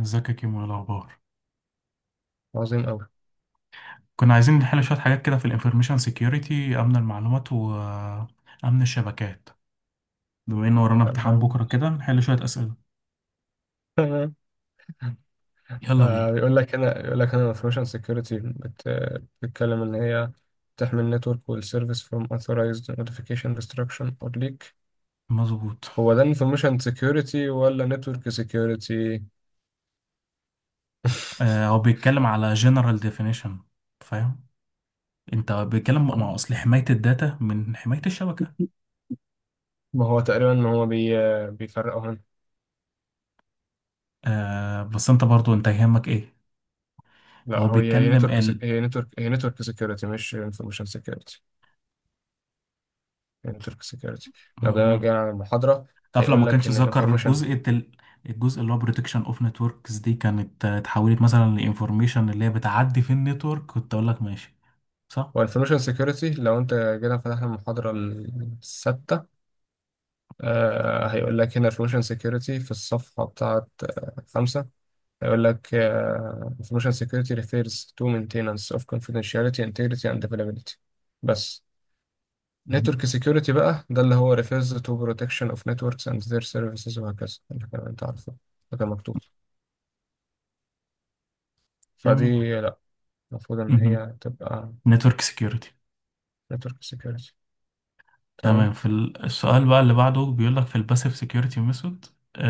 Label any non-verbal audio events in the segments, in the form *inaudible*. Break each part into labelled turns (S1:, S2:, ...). S1: ازيك يا كيمو؟ ايه الاخبار؟
S2: عظيم أوي.
S1: كنا عايزين نحل شويه حاجات كده في الانفورميشن سيكيورتي، امن المعلومات وامن الشبكات. بما ان ورانا امتحان
S2: تمام،
S1: بكره كده نحل شويه اسئله.
S2: تمام.
S1: يلا بينا.
S2: فبيقول لك هنا الانفورميشن سكيورتي بتتكلم إن هي تحمي النتورك والسيرفيس from authorized notification destruction or leak.
S1: مظبوط.
S2: هو ده انفورميشن سكيورتي ولا نتورك سكيورتي؟
S1: هو بيتكلم على جنرال ديفينيشن. فاهم؟ انت بيتكلم مع اصل حمايه الداتا من حمايه الشبكه.
S2: ما هو تقريبا ما هو بي... بيفرقوا هنا.
S1: آه، بس انت برضو انت يهمك ايه؟
S2: لا،
S1: هو
S2: هو هي
S1: بيتكلم
S2: نتورك سك... هي نتورك هي نتورك سكيورتي مش انفورميشن سكيورتي. هي نتورك سكيورتي.
S1: ال،
S2: لو جينا على المحاضرة
S1: تعرف لو ما
S2: هيقول لك
S1: كانش
S2: إن
S1: ذكر
S2: الانفورميشن
S1: جزء الجزء اللي هو بروتكشن اوف نتوركس، دي كانت اتحولت مثلا لانفورميشن اللي هي بتعدي في النتورك، كنت اقول لك ماشي. صح.
S2: والانفورميشن سيكيورتي. لو انت جينا فتحنا المحاضرة الستة، هيقول لك هنا انفورميشن سيكيورتي في الصفحة بتاعة خمسة. هيقول لك انفورميشن سيكيورتي refers to maintenance of confidentiality, integrity and availability، بس.
S1: مهم.
S2: نتورك سيكيورتي بقى ده اللي هو refers to protection of networks and their services، وهكذا اللي كان انت عارفه. ده كان مكتوب.
S1: جميل.
S2: فدي لا، المفروض ان هي تبقى
S1: نتورك سكيورتي.
S2: نتورك سيكيورتي.
S1: تمام.
S2: تمام.
S1: في السؤال بقى اللي بعده بيقول لك في الباسيف سكيورتي ميثود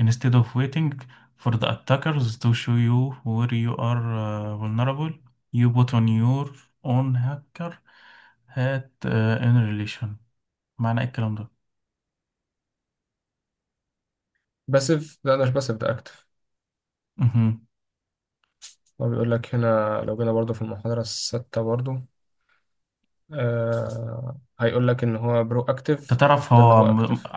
S1: instead of waiting for the attackers to show you where you are vulnerable, you put on your own hacker hat in relation. معنى ايه الكلام
S2: باسيف ده مش باسيف، ده اكتف.
S1: ده؟
S2: هو بيقول لك هنا لو جينا برضو في المحاضرة الستة برضو، هيقول لك إن هو برو
S1: انت
S2: أكتيف.
S1: تعرف
S2: ده اللي
S1: هو
S2: هو
S1: م...
S2: أكتيف.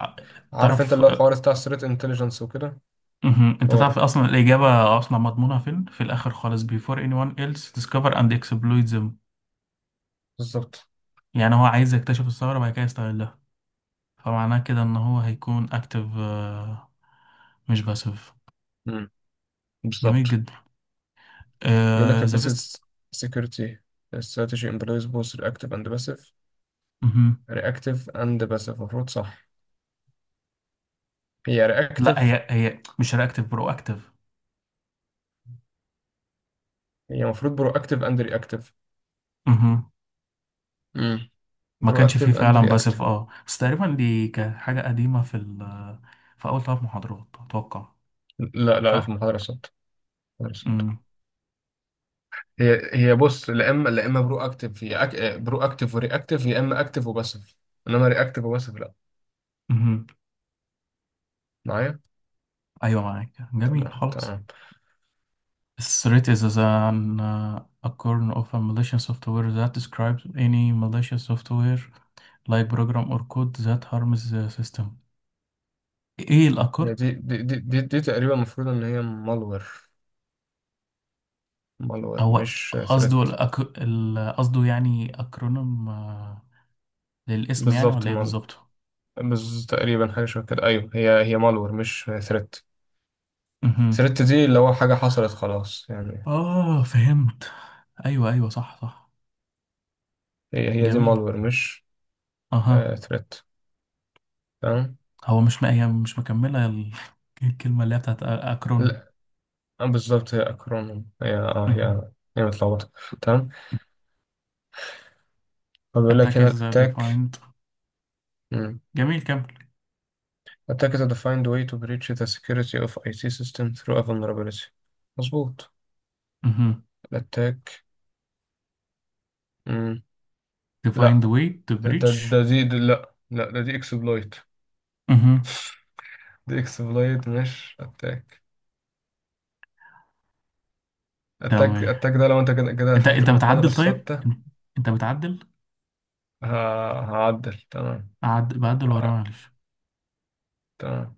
S2: عارف أنت
S1: تعرف.
S2: اللي هو الحوار بتاع ثريت انتليجنس وكده.
S1: مهم. انت
S2: هو
S1: تعرف
S2: ده
S1: اصلا الاجابه اصلا مضمونه فين؟ في الاخر خالص، before anyone else discover and exploit them.
S2: بالظبط.
S1: يعني هو عايز يكتشف الثغره بعد كده يستغلها، فمعناه كده ان هو هيكون اكتف مش باسف.
S2: مم.
S1: جميل
S2: بالظبط.
S1: جدا.
S2: بيقول لك
S1: ذا بيست.
S2: البيسز سيكيورتي استراتيجي امبلويز بوث رياكتيف اند باسيف. رياكتيف اند باسيف المفروض، صح؟ هي
S1: لا،
S2: رياكتيف،
S1: هي مش رياكتيف، برو اكتف.
S2: هي المفروض برو اكتيف اند رياكتيف. امم
S1: ما
S2: برو
S1: كانش فيه
S2: اكتيف اند
S1: فعلا باسف،
S2: رياكتيف.
S1: اه، بس تقريبا دي كانت حاجه قديمه في في اول ثلاث محاضرات اتوقع.
S2: لا لا، في
S1: صح.
S2: المحاضرة الصوت. هي بص، لا اما لا اما برو اكتف، برو اكتف وري اكتف، يا اما اكتف وباسف. انما ري اكتف وباسف لا.
S1: امم.
S2: معايا؟
S1: أيوة، معاك، جميل
S2: تمام،
S1: خلاص.
S2: تمام.
S1: Threat is as an a kernel of a malicious software that describes any malicious software like program or code that harms the system. إيه
S2: هي
S1: الأكر؟
S2: دي تقريبا المفروض ان هي مالور. مالور
S1: هو
S2: مش ثريت.
S1: قصده الأك... ال- قصده يعني أكرونيم، للاسم، يعني
S2: بالظبط.
S1: ولا إيه بالظبط؟
S2: تقريبا حاجه شبه كده، ايوه، هي مالور مش ثريت.
S1: مهم.
S2: ثريت دي اللي هو حاجه حصلت خلاص يعني.
S1: آه، فهمت. أيوة أيوة، صح صح.
S2: هي دي
S1: جميل.
S2: مالور مش
S1: أها.
S2: ثريت. تمام.
S1: هو مش م... هي مش مكملة ال- *laughs* الكلمة اللي هي بتاعت أكرونيم.
S2: لا، آه، بالظبط هي اكرونيم، هي اه
S1: مهم.
S2: هي هي متلخبطه. تمام. فبيقول لك
S1: Attack
S2: هنا
S1: is
S2: الاتاك.
S1: defined.
S2: مم.
S1: جميل، كمل.
S2: attackers defined way to breach the security of IT system through a vulnerability. مظبوط.
S1: مهم.
S2: الاتاك. مم.
S1: To find
S2: لا،
S1: way to
S2: ده ده
S1: bridge.
S2: ده دي ده لا. لا، ده دي اكسبلويت.
S1: مهم.
S2: *laughs* دي اكسبلويت مش اتاك. اتاك
S1: تمام.
S2: اتاك ده لو انت كده كده
S1: انت
S2: فتحت
S1: انت
S2: المحاضرة
S1: بتعدل؟ طيب.
S2: الثابتة.
S1: انت بتعدل.
S2: هعدل. تمام.
S1: بعدل وراه
S2: ه-
S1: معلش.
S2: تمام.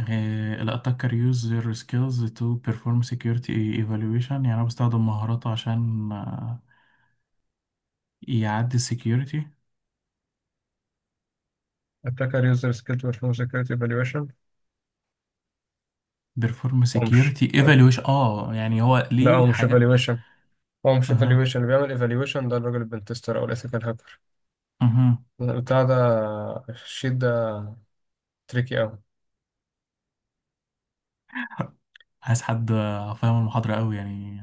S1: إيه... ال attacker use their skills to perform security evaluation. يعني انا بستخدم مهاراته عشان يعدي ال security.
S2: attacker user skill to perform security evaluation.
S1: Perform
S2: هو مش
S1: security evaluation، اه يعني هو
S2: لا
S1: ليه
S2: هو مش
S1: حاجات.
S2: evaluation. هو مش
S1: اها
S2: evaluation، اللي بيعمل evaluation ده الراجل البنتستر او الethical hacker
S1: اها.
S2: بتاع ده. الشيت ده تريكي أوي.
S1: عايز حد فاهم المحاضرة قوي، يعني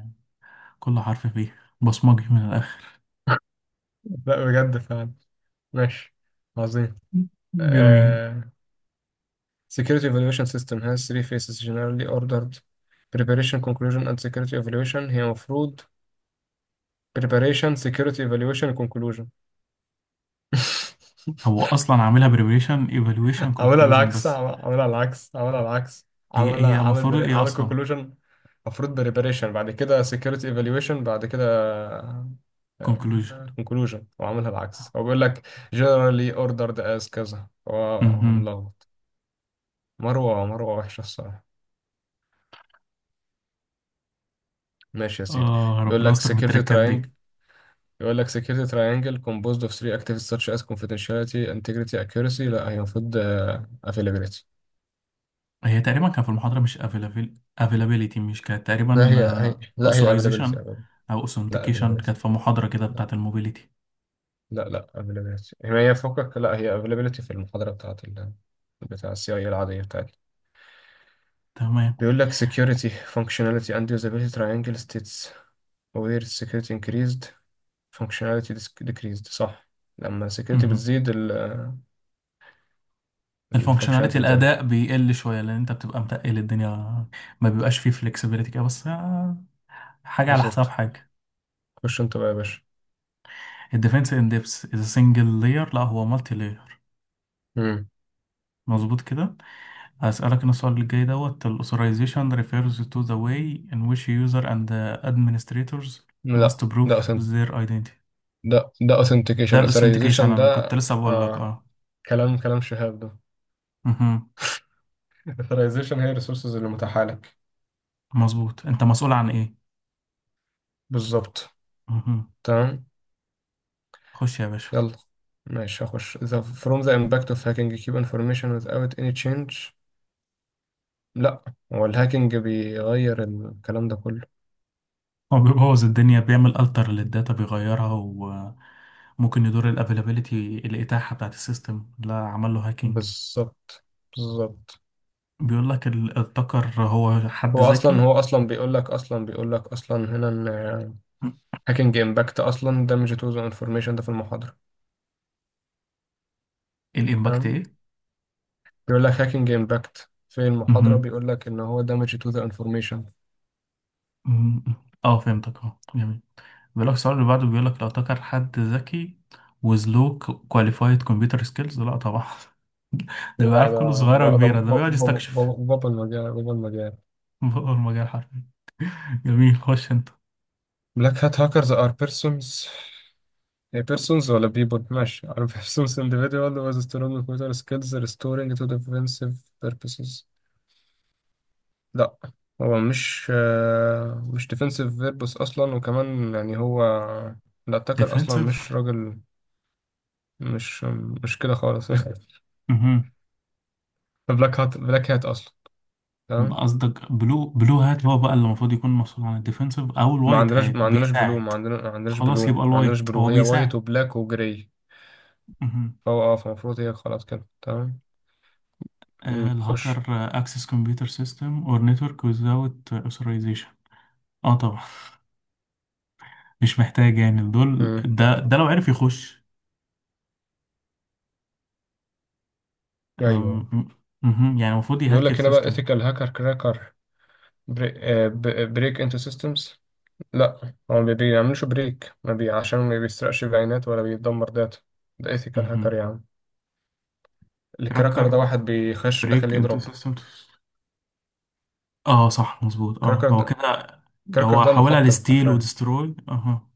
S1: كل حرف فيه، بصمجي من الاخر.
S2: لا، بجد فعلا. ماشي. عظيم.
S1: جميل.
S2: uh, security evaluation system has three phases generally ordered preparation conclusion and security evaluation. هي مفروض preparation security evaluation conclusion. *laughs*
S1: هو اصلا عاملها بريبريشن ايفالويشن كونكلوجن بس.
S2: عملها العكس، عملها العكس.
S1: هي هي المفروض ايه
S2: عمل
S1: اصلا؟
S2: كونكلوجن. المفروض بريباريشن، بعد كده سكيورتي ايفالويشن، بعد كده
S1: كونكلوجن.
S2: كونكلوجن، وعملها العكس. هو بيقول لك generally ordered as كذا. هو
S1: امم.
S2: ملخبط. مروة وحشة الصراحة. ماشي يا سيدي.
S1: اه،
S2: بيقول
S1: ربنا
S2: لك
S1: يستر
S2: security
S1: بالتركات دي.
S2: triangle. يقول لك security triangle composed of three activities such as confidentiality integrity accuracy. لا، هي المفروض آه، availability.
S1: هي تقريبا كان في المحاضره، مش افيلابيلتي مش كانت
S2: لا،
S1: تقريبا؟
S2: هي availability،
S1: اوثرايزيشن
S2: availability.
S1: او
S2: لا
S1: اوثنتيكيشن
S2: availability.
S1: كانت في محاضره كده بتاعت الموبيليتي.
S2: لا لا، availability، هي فوقك، لا، هي availability في المحاضرة بتاعت ال... بتاع السي اي العادية بتاعتي.
S1: تمام.
S2: بيقول لك security functionality and usability triangle states where security increased functionality decreased، صح. لما security
S1: امم.
S2: بتزيد ال
S1: الفانكشناليتي،
S2: functionality بتقل.
S1: الاداء بيقل شويه لان انت بتبقى متقل الدنيا، ما بيبقاش فيه فلكسبيليتي كده، بس حاجه على حساب
S2: بالظبط.
S1: حاجه.
S2: خش انت بقى يا باشا.
S1: الديفنس ان ديبس از سنجل لاير؟ لا، هو مالتي لاير.
S2: مم.
S1: مظبوط كده. هسألك أنا السؤال اللي جاي دوت. ال authorization refers to the way in which user and the administrators must
S2: لا،
S1: prove
S2: ده أثن...
S1: their identity.
S2: ده ده
S1: ده
S2: authentication،
S1: ال authentication،
S2: authorization
S1: أنا كنت
S2: ده.
S1: لسه بقول لك
S2: آه.
S1: اه.
S2: كلام شهاب ده.
S1: مهم.
S2: *laughs* authorization هي الريسورسز اللي متاحة لك.
S1: مظبوط. أنت مسؤول عن إيه.
S2: بالظبط.
S1: مهم.
S2: تمام.
S1: خش يا باشا.
S2: يلا. ماشي، هخش. the from the impact of hacking keep information without any change. لا، هو الهاكينج بيغير الكلام ده كله.
S1: هو بيبوظ الدنيا، بيعمل alter للداتا، بيغيرها، وممكن يدور ال availability، الإتاحة بتاعت السيستم، لا عمل له هاكينج.
S2: بالظبط، بالظبط.
S1: بيقول لك التقر هو حد
S2: هو اصلا
S1: ذكي.
S2: هو اصلا بيقول لك اصلا بيقول لك اصلا هنا ان هاكينج امباكت اصلا damage to the information ده في المحاضرة.
S1: الإمباكت
S2: تمام.
S1: إيه؟
S2: بيقول لك هاكينج امباكت في المحاضرة،
S1: مهم.
S2: بيقول لك ان هو damage to the information.
S1: مم. اه، فهمتك، اه جميل. بيقول لك السؤال اللي بعده، بيقول لك لو تكر حد ذكي with low qualified computer skills، لا طبعا. *laughs* ده
S2: لا،
S1: بيعرف كله
S2: ده
S1: صغيرة
S2: ده
S1: وكبيرة، ده بيقعد
S2: ده
S1: يستكشف.
S2: بابل مجال، بابل مجال.
S1: *laughs* هو المجال حرفيا. جميل، خش انت.
S2: Black hat hackers are persons، بيرسونز ولا بيبول، ماشي على بيرسونز، individual with strong motor *laughs* skills restoring to defensive purposes. لا، هو مش مش defensive purpose أصلا، وكمان يعني هو الأتاكر أصلا
S1: Defensive.
S2: مش راجل. مش مش كده خالص. *laughs*
S1: مهم.
S2: بلاك هات أصلا. تمام.
S1: قصدك بلو؟ بلو هات هو بقى اللي المفروض يكون مسؤول عن الديفنسيف، او
S2: ما
S1: الوايت
S2: عندناش
S1: هات
S2: ما عندناش بلو
S1: بيساعد.
S2: ما عندنا ما عندناش بلو
S1: خلاص، يبقى
S2: ما عندناش
S1: الوايت
S2: بلو،
S1: هو
S2: هي وايت
S1: بيساعد.
S2: وبلاك وجراي.
S1: مهم.
S2: فهو اه فالمفروض هي خلاص كده. تمام. مم.
S1: آه
S2: خش.
S1: الهاكر. اكسس كمبيوتر سيستم اور نتورك without authorization، اه طبعا، مش محتاج يعني. دول
S2: مم.
S1: ده لو عرف يخش. انا
S2: ايوه.
S1: م- مهم. يعني المفروض
S2: بيقول
S1: يهاك
S2: لك هنا بقى
S1: السيستم.
S2: ethical hacker cracker، بري... بريك انتو سيستمز. لا، هو ما بيعملوش بريك، ما بي... عشان ما بيسرقش بيانات ولا بيدمر داتا. ده ايثيكال
S1: مهم.
S2: هاكر يا عم. الكراكر ده
S1: كراكر،
S2: واحد بيخش داخل
S1: بريك انتو
S2: يضرب.
S1: سيستم، اه صح مظبوط، اه
S2: كراكر
S1: هو
S2: ده
S1: كده.
S2: كراكر
S1: هو
S2: ده
S1: حاولها
S2: محطم
S1: لستيل
S2: حرفيا.
S1: ودستروي. اها.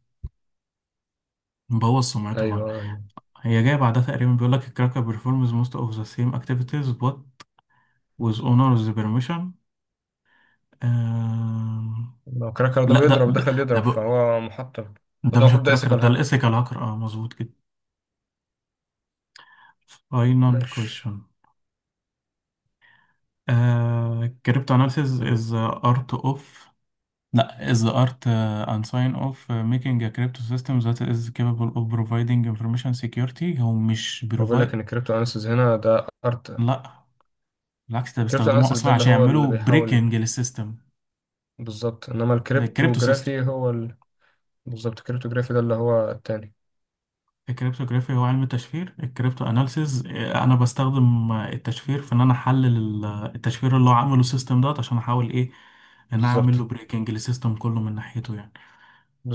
S1: مبوظ سمعته خالص.
S2: ايوه، ايوه.
S1: هي جايه بعدها تقريبا، بيقول لك الكراكر بيرفورمز موست اوف ذا سيم اكتيفيتيز بوت ويز اونرز بيرميشن.
S2: لو كراكر ده
S1: لا، ده
S2: بيضرب
S1: ده
S2: داخل
S1: ده,
S2: يضرب
S1: ب...
S2: فهو محطم.
S1: ده
S2: فده
S1: مش
S2: المفروض ده
S1: الكراكر،
S2: ايثيكال
S1: ده
S2: هاكر.
S1: الايثيكال هاكر، اه مظبوط كده. فاينل
S2: ماشي.
S1: كويشن. Cryptanalysis
S2: مم.
S1: is the art of, no, is the art and sign of making a crypto system that is capable of providing information security. هو مش
S2: بقول لك
S1: بيروفايد،
S2: ان الكريبتو اناليسيس هنا ده ارت.
S1: لا بالعكس، ده
S2: الكريبتو
S1: بيستخدموه
S2: اناليسيس ده
S1: اصلا
S2: اللي
S1: عشان
S2: هو اللي
S1: يعملوا
S2: بيحاول.
S1: بريكنج للسيستم.
S2: بالظبط، انما
S1: ده
S2: الكريبتو
S1: الكريبتو سيستم.
S2: جرافي هو ال... بالظبط، الكريبتو جرافي ده اللي هو التاني.
S1: الكريبتوغرافي هو علم التشفير. الكريبتو اناليسيز، انا بستخدم التشفير في ان انا احلل ال- التشفير اللي هو عامله السيستم دوت، عشان احاول ايه؟ ان انا اعمل له
S2: بالظبط،
S1: بريكنج للسيستم كله من ناحيته يعني.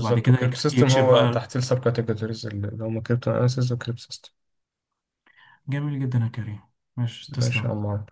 S1: وبعد كده
S2: والكريبتو سيستم
S1: يكشف
S2: هو
S1: بقى.
S2: تحت السب كاتيجوريز اللي هم كريبتو اناليسيز وكريبتو سيستم.
S1: جميل جدا يا كريم. ماشي،
S2: ماشي يا
S1: تسلم.
S2: عم.